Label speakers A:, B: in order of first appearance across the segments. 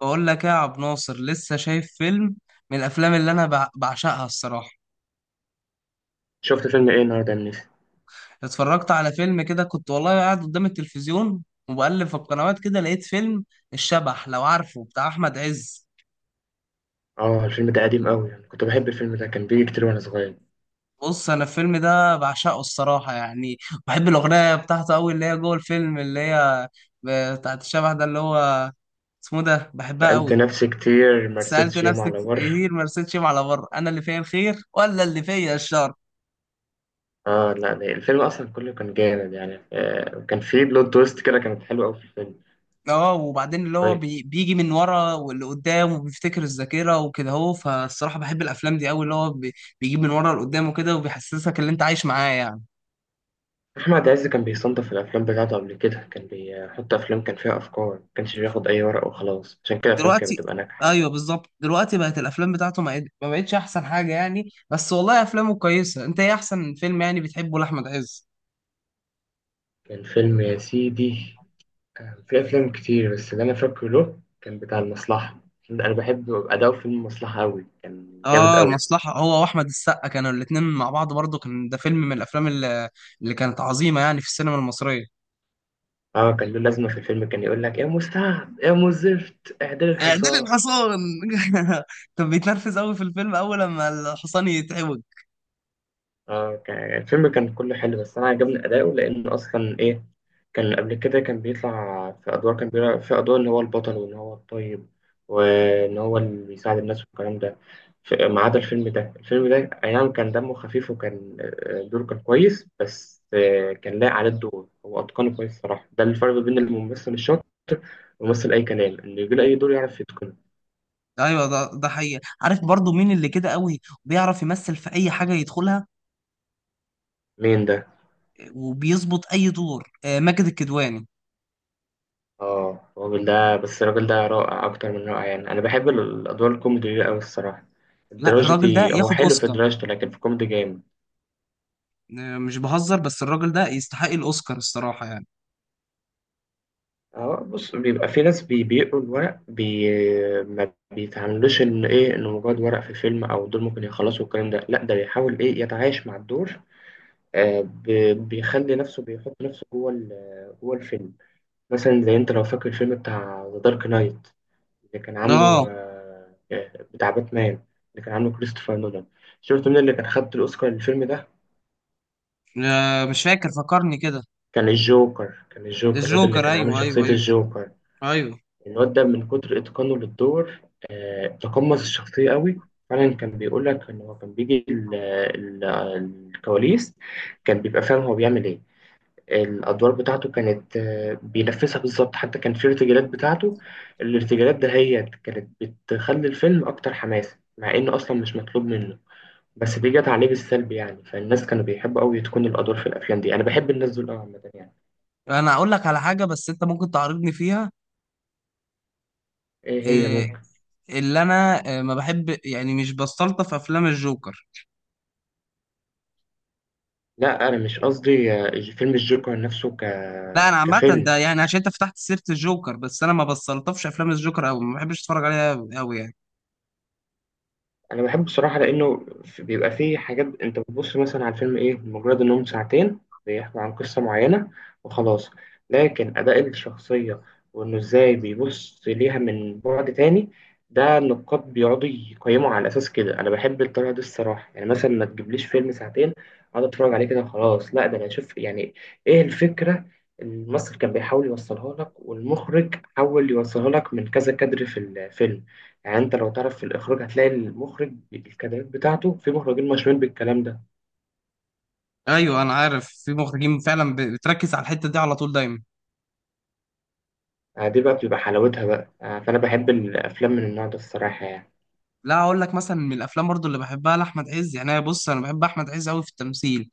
A: بقول لك ايه يا عبد ناصر؟ لسه شايف فيلم من الافلام اللي انا بعشقها الصراحه.
B: شفت فيلم ايه النهارده يا منيسي؟
A: اتفرجت على فيلم كده، كنت والله قاعد قدام التلفزيون وبقلب في القنوات كده، لقيت فيلم الشبح، لو عارفه، بتاع احمد عز.
B: اه، الفيلم ده قديم قوي، يعني كنت بحب الفيلم ده، كان بيجي كتير وانا صغير.
A: بص، انا الفيلم ده بعشقه الصراحه يعني، بحب الاغنيه بتاعته قوي اللي هي جوه الفيلم، اللي هي بتاعت الشبح ده اللي هو اسمه ده، بحبها
B: سألت
A: قوي.
B: نفسي كتير ما
A: سألت
B: رستش يوم
A: نفسي
B: على
A: كتير ما رستش على بره، انا اللي فيا الخير ولا اللي فيا الشر.
B: اه، لا لا، الفيلم اصلا كله كان جامد يعني كان فيه بلوت تويست كده، كانت حلوه قوي في الفيلم. آه،
A: اه، وبعدين اللي هو
B: طيب.
A: بي بيجي من ورا واللي قدام وبيفتكر الذاكرة وكده، هو فالصراحة بحب الأفلام دي أوي، اللي هو بي بيجيب من ورا لقدام وكده وبيحسسك اللي أنت عايش معاه يعني.
B: احمد عز كان بيصنف الافلام بتاعته قبل كده، كان بيحط افلام كان فيها افكار، ما كانش بياخد اي ورق وخلاص، عشان كده الافلام كانت
A: دلوقتي
B: بتبقى ناجحه يعني.
A: أيوه بالظبط، دلوقتي بقت الأفلام بتاعته ما بقتش أحسن حاجة يعني، بس والله أفلامه كويسة. أنت إيه أحسن فيلم يعني بتحبه لأحمد عز؟
B: كان فيلم يا سيدي، كان في أفلام كتير، بس اللي أنا فاكره له كان بتاع المصلحة. أنا بحب أداء فيلم المصلحة أوي، كان جامد
A: اه،
B: أوي.
A: المصلحة، هو وأحمد السقا كانوا الاتنين مع بعض، برضه كان ده فيلم من الأفلام اللي، اللي كانت عظيمة يعني في السينما المصرية.
B: اه، كان له لازمة في الفيلم، كان يقول لك يا مستعد يا مزفت اعدل
A: اعدل
B: الحصان.
A: الحصان. كان بيتنرفز قوي في الفيلم اول لما الحصان يتعوج.
B: اه الفيلم كان كله حلو، بس انا عجبني اداؤه لان اصلا ايه، كان قبل كده كان بيطلع في ادوار ان هو البطل وان هو الطيب، وان هو اللي بيساعد الناس والكلام ده. ما عدا الفيلم ده، الفيلم ده، اي نعم كان دمه خفيف، وكان دوره كان كويس، بس كان لايق عليه الدور، هو اتقنه كويس صراحة. ده الفرق بين الممثل الشاطر والممثل اي كلام، انه يجي له اي دور يعرف يتقنه.
A: ايوه، ده حقيقي. عارف برضو مين اللي كده قوي بيعرف يمثل في اي حاجه يدخلها
B: مين ده؟
A: وبيظبط اي دور؟ آه، ماجد الكدواني.
B: اه، الراجل ده، بس الراجل ده رائع اكتر من رائع يعني. انا بحب الادوار الكوميدي دي قوي الصراحه.
A: لا، الراجل ده
B: الدراجتي هو
A: ياخد
B: حلو في
A: اوسكار.
B: دراجته، لكن في الكوميدي جامد.
A: آه، مش بهزر، بس الراجل ده يستحق الاوسكار الصراحه يعني.
B: اه بص، بيبقى في ناس بيقروا الورق ما بيتعاملوش ان ايه انه مجرد ورق في فيلم، او دول ممكن يخلصوا الكلام ده، لا ده بيحاول ايه يتعايش مع الدور. آه بيخلي نفسه، بيحط نفسه جوه جوه الفيلم. مثلا زي انت لو فاكر الفيلم بتاع ذا دارك نايت، اللي كان عامله
A: اه.
B: بتاع باتمان، اللي كان عامله كريستوفر نولان. شفت مين اللي كان خد الأوسكار للفيلم ده؟
A: آه، مش فاكر، فكرني كده.
B: كان الجوكر، الواد اللي
A: الجوكر،
B: كان عامل
A: ايوه
B: شخصية
A: ايوه ايوه.
B: الجوكر.
A: ايوه.
B: الواد ده من كتر إتقانه للدور تقمص الشخصية قوي. فعلا كان بيقول لك إن هو كان بيجي ال- الكواليس، كان بيبقى فاهم هو بيعمل إيه. الأدوار بتاعته كانت بينفذها بالظبط. حتى كان في ارتجالات بتاعته، الارتجالات دهيت كانت بتخلي الفيلم أكتر حماس، مع إنه أصلا مش مطلوب منه. بس دي جت عليه بالسلب يعني، فالناس كانوا بيحبوا قوي تكون الادوار في الافلام دي. انا بحب الناس دول قوي عامه يعني.
A: انا اقول لك على حاجه بس انت ممكن تعارضني فيها.
B: ايه هي؟
A: آه،
B: ممكن.
A: اللي انا آه، ما بحب يعني مش بستلطف افلام الجوكر.
B: لا انا مش قصدي فيلم الجوكر نفسه
A: لا، انا عامه
B: كفيلم
A: ده يعني عشان انت فتحت سيره الجوكر، بس انا ما بستلطفش افلام الجوكر قوي، ما بحبش اتفرج عليها قوي يعني.
B: انا بحبه بصراحه، لانه بيبقى فيه حاجات انت بتبص مثلا على الفيلم ايه، مجرد انهم ساعتين بيحكوا عن قصه معينه وخلاص. لكن اداء الشخصيه، وانه ازاي بيبص ليها من بعد تاني، ده النقاد بيقعدوا يقيموا على اساس كده. انا بحب الطريقه دي الصراحه يعني. مثلا ما تجيبليش فيلم ساعتين اقعد اتفرج عليه كده وخلاص، لا ده انا اشوف يعني ايه الفكره. الممثل كان بيحاول يوصلها لك، والمخرج حاول يوصلها لك من كذا كادر في الفيلم. يعني انت لو تعرف في الاخراج هتلاقي المخرج الكادرات بتاعته، في مخرجين مشهورين بالكلام ده.
A: ايوه، انا عارف في مخرجين فعلا بتركز على الحته دي على طول دايما.
B: دي بقى بتبقى حلاوتها بقى فانا بحب الافلام من النوع ده الصراحه يعني.
A: لا، اقول لك مثلا من الافلام برضو اللي بحبها لاحمد عز يعني. أنا بص، انا بحب احمد عز قوي في التمثيل.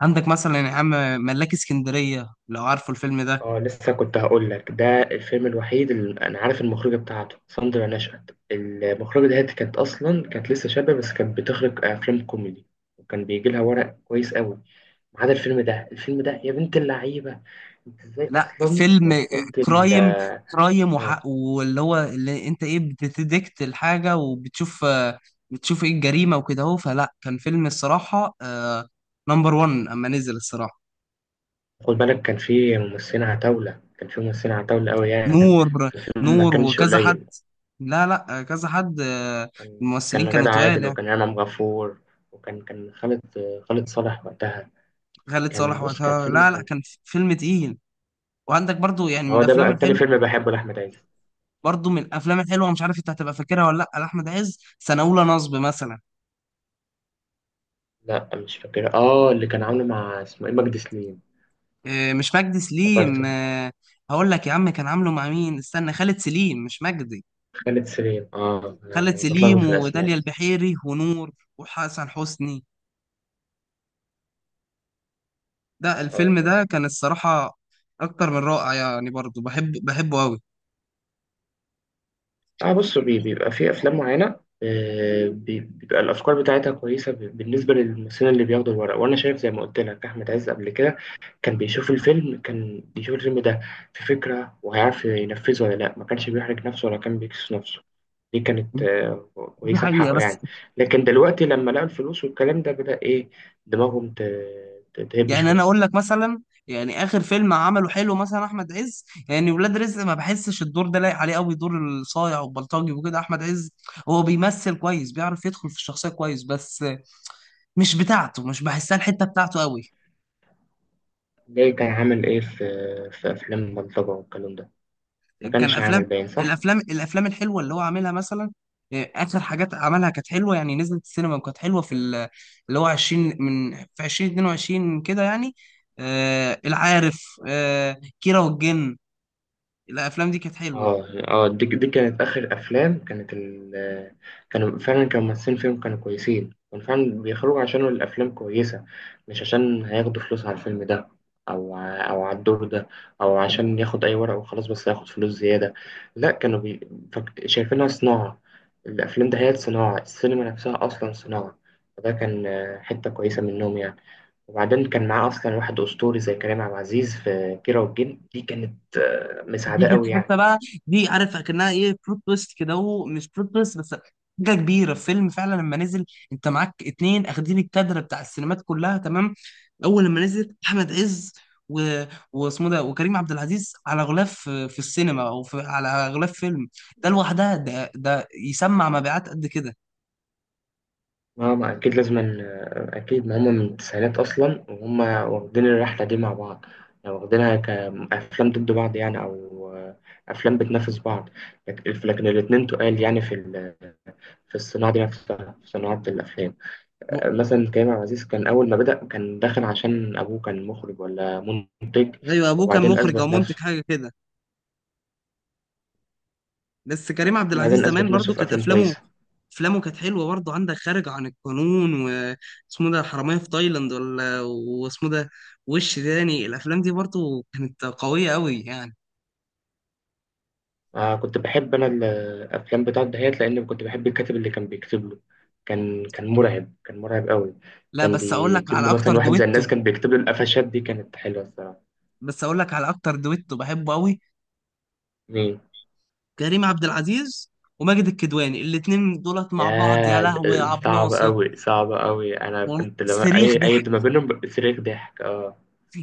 A: عندك مثلا يا عم ملاك اسكندريه، لو عارفه الفيلم ده.
B: اه لسه كنت هقول لك ده الفيلم الوحيد اللي انا عارف المخرجه بتاعته ساندرا نشأت. المخرجه ديت كانت اصلا كانت لسه شابه، بس كانت بتخرج افلام كوميدي، وكان بيجي لها ورق كويس قوي. ما عدا الفيلم ده، الفيلم ده يا بنت اللعيبه. انت ازاي
A: لا،
B: اصلا
A: فيلم
B: وصلت ال
A: كرايم، كرايم وحق، واللي هو اللي انت ايه بتديكت الحاجة وبتشوف آه، بتشوف ايه الجريمة وكده اهو. فلا كان فيلم الصراحة نمبر 1 اما نزل الصراحة.
B: خد بالك كان في ممثلين عتاولة أوي يعني
A: نور.
B: في الفيلم، ما
A: نور
B: كانش
A: وكذا حد.
B: قليل.
A: لا لا، آه، كذا حد آه،
B: كان
A: الممثلين كانوا
B: غادة
A: تقال
B: عادل
A: يعني.
B: وكان إمام غفور، وكان خالد، خالد صالح وقتها.
A: خالد
B: كان
A: صالح
B: بص كان
A: وقتها.
B: فيلم
A: لا لا،
B: كان.
A: كان فيلم تقيل. وعندك برضو يعني من
B: هو ده بقى
A: الافلام
B: التاني
A: الحلوه،
B: فيلم بحبه لأحمد عز.
A: برضو من الافلام الحلوه، مش عارف انت هتبقى فاكرها ولا لا، لاحمد عز سنه اولى نصب مثلا.
B: لا مش فاكر، اه اللي كان عامله مع اسمه ايه، مجدي سليم.
A: آه، مش مجدي سليم
B: افتكرته.
A: آه، هقول لك يا عم كان عامله مع مين؟ استنى، خالد سليم مش مجدي.
B: خالد سليم، اه
A: خالد
B: أنا بتلخبط
A: سليم
B: في
A: وداليا
B: الأسماء.
A: البحيري ونور وحسن حسني. ده
B: اه
A: الفيلم ده
B: افتكرت.
A: كان الصراحة أكتر من رائع يعني، برضه بحب بحبه أوي.
B: اه بص بيبقى في افلام معينه بيبقى الافكار بتاعتها كويسه، بالنسبه للممثلين اللي بياخدوا الورق. وانا شايف زي ما قلت لك احمد عز قبل كده كان بيشوف الفيلم ده في فكره وهيعرف ينفذه ولا لا. ما كانش بيحرج نفسه ولا كان بيكسس نفسه، دي كانت
A: دي
B: كويسه في
A: حقيقة.
B: حقه
A: بس
B: يعني. لكن دلوقتي لما لقوا الفلوس والكلام ده بدا ايه دماغهم تهب
A: يعني أنا
B: شويه.
A: أقول لك مثلا، يعني آخر فيلم عمله حلو مثلا أحمد عز يعني ولاد رزق، ما بحسش الدور ده لايق عليه أوي، دور الصايع والبلطجي وكده. أحمد عز هو بيمثل كويس، بيعرف يدخل في الشخصية كويس، بس مش بتاعته، مش بحسها الحته بتاعته قوي.
B: زي كان عامل ايه في في افلام بلطجه والكلام ده، ما
A: كان
B: كانش عامل
A: افلام،
B: باين صح.
A: الافلام الحلوه اللي هو عاملها مثلا إيه، اخر حاجات عملها كانت حلوه يعني، نزلت السينما وكانت حلوه في ال- اللي هو 20 من في 2022 كده يعني. آه العارف آه كيرة والجن، الافلام دي كانت حلوه.
B: اه اه، دي كانت اخر افلام كانت ال، كانوا فعلا كانوا ممثلين فيهم كانوا كويسين، كانوا فعلا بيخرجوا عشان الافلام كويسه، مش عشان هياخدوا فلوس على الفيلم ده، او او على الدور ده، او عشان ياخد اي ورقه وخلاص بس هياخد فلوس زياده. لا كانوا شايفينها صناعه. الافلام ده هي صناعه السينما، نفسها اصلا صناعه. فده كان حته كويسه منهم يعني. وبعدين كان معاه اصلا واحد اسطوري زي كريم عبد العزيز في كيرة والجن، دي كانت
A: دي
B: مساعده
A: كانت
B: قوي يعني.
A: حته بقى. دي عارف اكنها ايه، بلوت تويست كده، هو مش بلوت تويست بس، حاجه كبيره الفيلم فعلا لما نزل. انت معاك اتنين اخدين الكادر بتاع السينمات كلها، تمام؟ اول لما نزل احمد عز و... واسمه ده وكريم عبد العزيز على غلاف في في السينما او في... على غلاف فيلم، ده لوحدها ده ده يسمع مبيعات قد كده.
B: ما أكيد لازم أكيد ما هم من التسعينات أصلا، وهم واخدين الرحلة دي مع بعض. يعني واخدينها كأفلام ضد بعض يعني، أو أفلام بتنافس بعض. لكن الاتنين تقال يعني في في الصناعة دي نفسها، في صناعة الأفلام.
A: و-
B: مثلا كريم عبد العزيز كان أول ما بدأ كان داخل عشان أبوه كان مخرج ولا منتج.
A: ايوه، ابوه كان
B: وبعدين
A: مخرج او
B: أثبت
A: منتج
B: نفسه.
A: حاجه كده. بس كريم عبد العزيز
B: بعدين
A: زمان
B: أثبت نفسه
A: برضو
B: في
A: كانت
B: أفلام
A: افلامه،
B: كويسة.
A: افلامه كانت حلوه برضه. عندك خارج عن القانون واسمه ده حراميه في تايلاند، ولا واسمه ده وش تاني، الافلام دي برضه كانت قويه قوي يعني.
B: آه كنت بحب أنا الأفلام بتاعت دهيات لأن كنت بحب الكاتب اللي كان بيكتب له. كان مرعب، كان مرعب قوي.
A: لا
B: كان
A: بس اقول لك
B: بيجيب
A: على
B: له
A: اكتر
B: مثلا واحد زي
A: دويتو،
B: الناس كان بيكتب له، القفشات دي كانت حلوة الصراحة.
A: بس اقول لك على اكتر دويتو بحبه قوي،
B: مين
A: كريم عبد العزيز وماجد الكدواني، الاتنين دولت مع بعض يا
B: ده؟
A: لهوي يا
B: ده
A: عبد
B: صعب
A: ناصر.
B: قوي صعب قوي. أنا
A: وال-
B: كنت لما
A: صريخ
B: أي
A: ضحك
B: ما بينهم صريخ ضحك. اه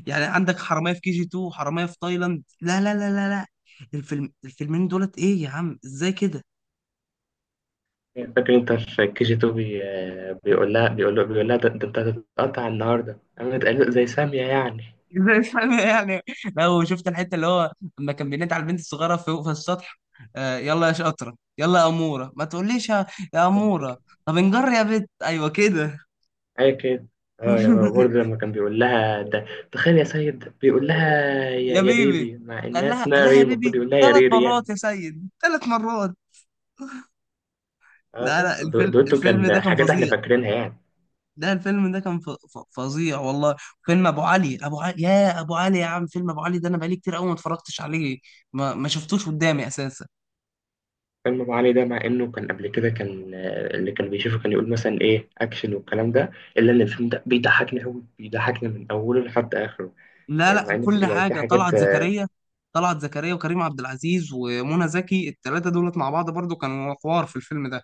A: يعني. عندك حراميه في كي جي 2 وحراميه في تايلاند. لا لا لا لا لا، الفيلم الفيلمين دولت ايه يا عم؟ ازاي كده؟
B: فاكر انت في كي جي 2 بيقول لها انت هتتقطع النهارده، انا متقلق زي سامية يعني.
A: زي الفل يعني. لو شفت الحته اللي هو لما كان بينادي على البنت الصغيره فوق في السطح، آه، يلا يا شاطره يلا يا اموره، ما تقوليش يا، يا اموره، طب انجر يا بت، ايوه كده.
B: اي كده. اه، يا برضه لما كان بيقول لها ده، تخيل يا سيد بيقول لها
A: يا
B: يا
A: بيبي،
B: بيبي، مع
A: قال
B: انها
A: لها قال
B: اسمها
A: لها
B: ري،
A: يا بيبي
B: المفروض يقول لها يا
A: ثلاث
B: ريري يعني.
A: مرات يا سيد، ثلاث مرات.
B: اه
A: لا لا،
B: بص
A: الفيلم
B: دويتو
A: الفيلم ده
B: كان
A: كان
B: حاجات احنا
A: فظيع.
B: فاكرينها يعني.
A: ده الفيلم ده كان فظيع والله. فيلم ابو علي، ابو علي، يا ابو علي يا عم، فيلم ابو علي ده انا بقالي كتير قوي ما اتفرجتش عليه، ما شفتوش قدامي اساسا.
B: فيلم ابو علي ده مع انه كان قبل كده كان اللي كان بيشوفه كان يقول مثلا ايه اكشن والكلام ده، الا ان الفيلم ده بيضحكني قوي، بيضحكني من اوله لحد اخره.
A: لا
B: مع
A: لا،
B: ان في
A: كل
B: يعني في
A: حاجة
B: حاجات.
A: طلعت زكريا، طلعت زكريا وكريم عبد العزيز ومنى زكي، الثلاثة دولت مع بعض برضو كانوا حوار في الفيلم ده.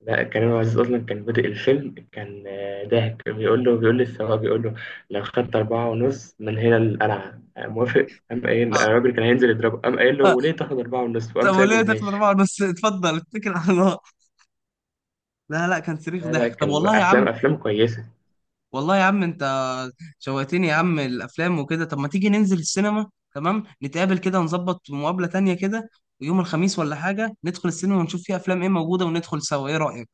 B: لا كريم عبد العزيز اصلا كان بادئ الفيلم كان ضاحك بيقول له، بيقول للسواق بيقول له لو خدت 4 ونص من هنا للقلعة موافق. قام قايل،
A: آه.
B: الراجل كان هينزل يضربه، قام قايل له
A: آه،
B: وليه تاخد 4 ونص، وقام
A: طب
B: سايبه
A: وليه تاخد
B: وماشي.
A: أربعة بس؟ اتفضل اتكل على الله. لا لا، كان صريخ
B: لا لا
A: ضحك. طب
B: كان
A: والله يا عم،
B: أفلام أفلام كويسة.
A: والله يا عم انت شوقتني يا عم الأفلام وكده. طب ما تيجي ننزل السينما؟ تمام، نتقابل كده، نظبط مقابلة تانية كده، ويوم الخميس ولا حاجة ندخل السينما ونشوف فيها أفلام ايه موجودة وندخل سوا، ايه رأيك؟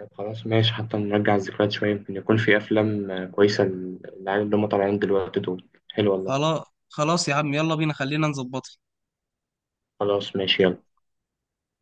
B: طب خلاص ماشي، حتى نرجع الذكريات شوية، يمكن يكون في أفلام كويسة للعيال اللي هم طالعين دلوقتي دول. حلو والله.
A: خلاص، خلاص يا عم، يلا بينا خلينا نظبطها.
B: خلاص ماشي يلا.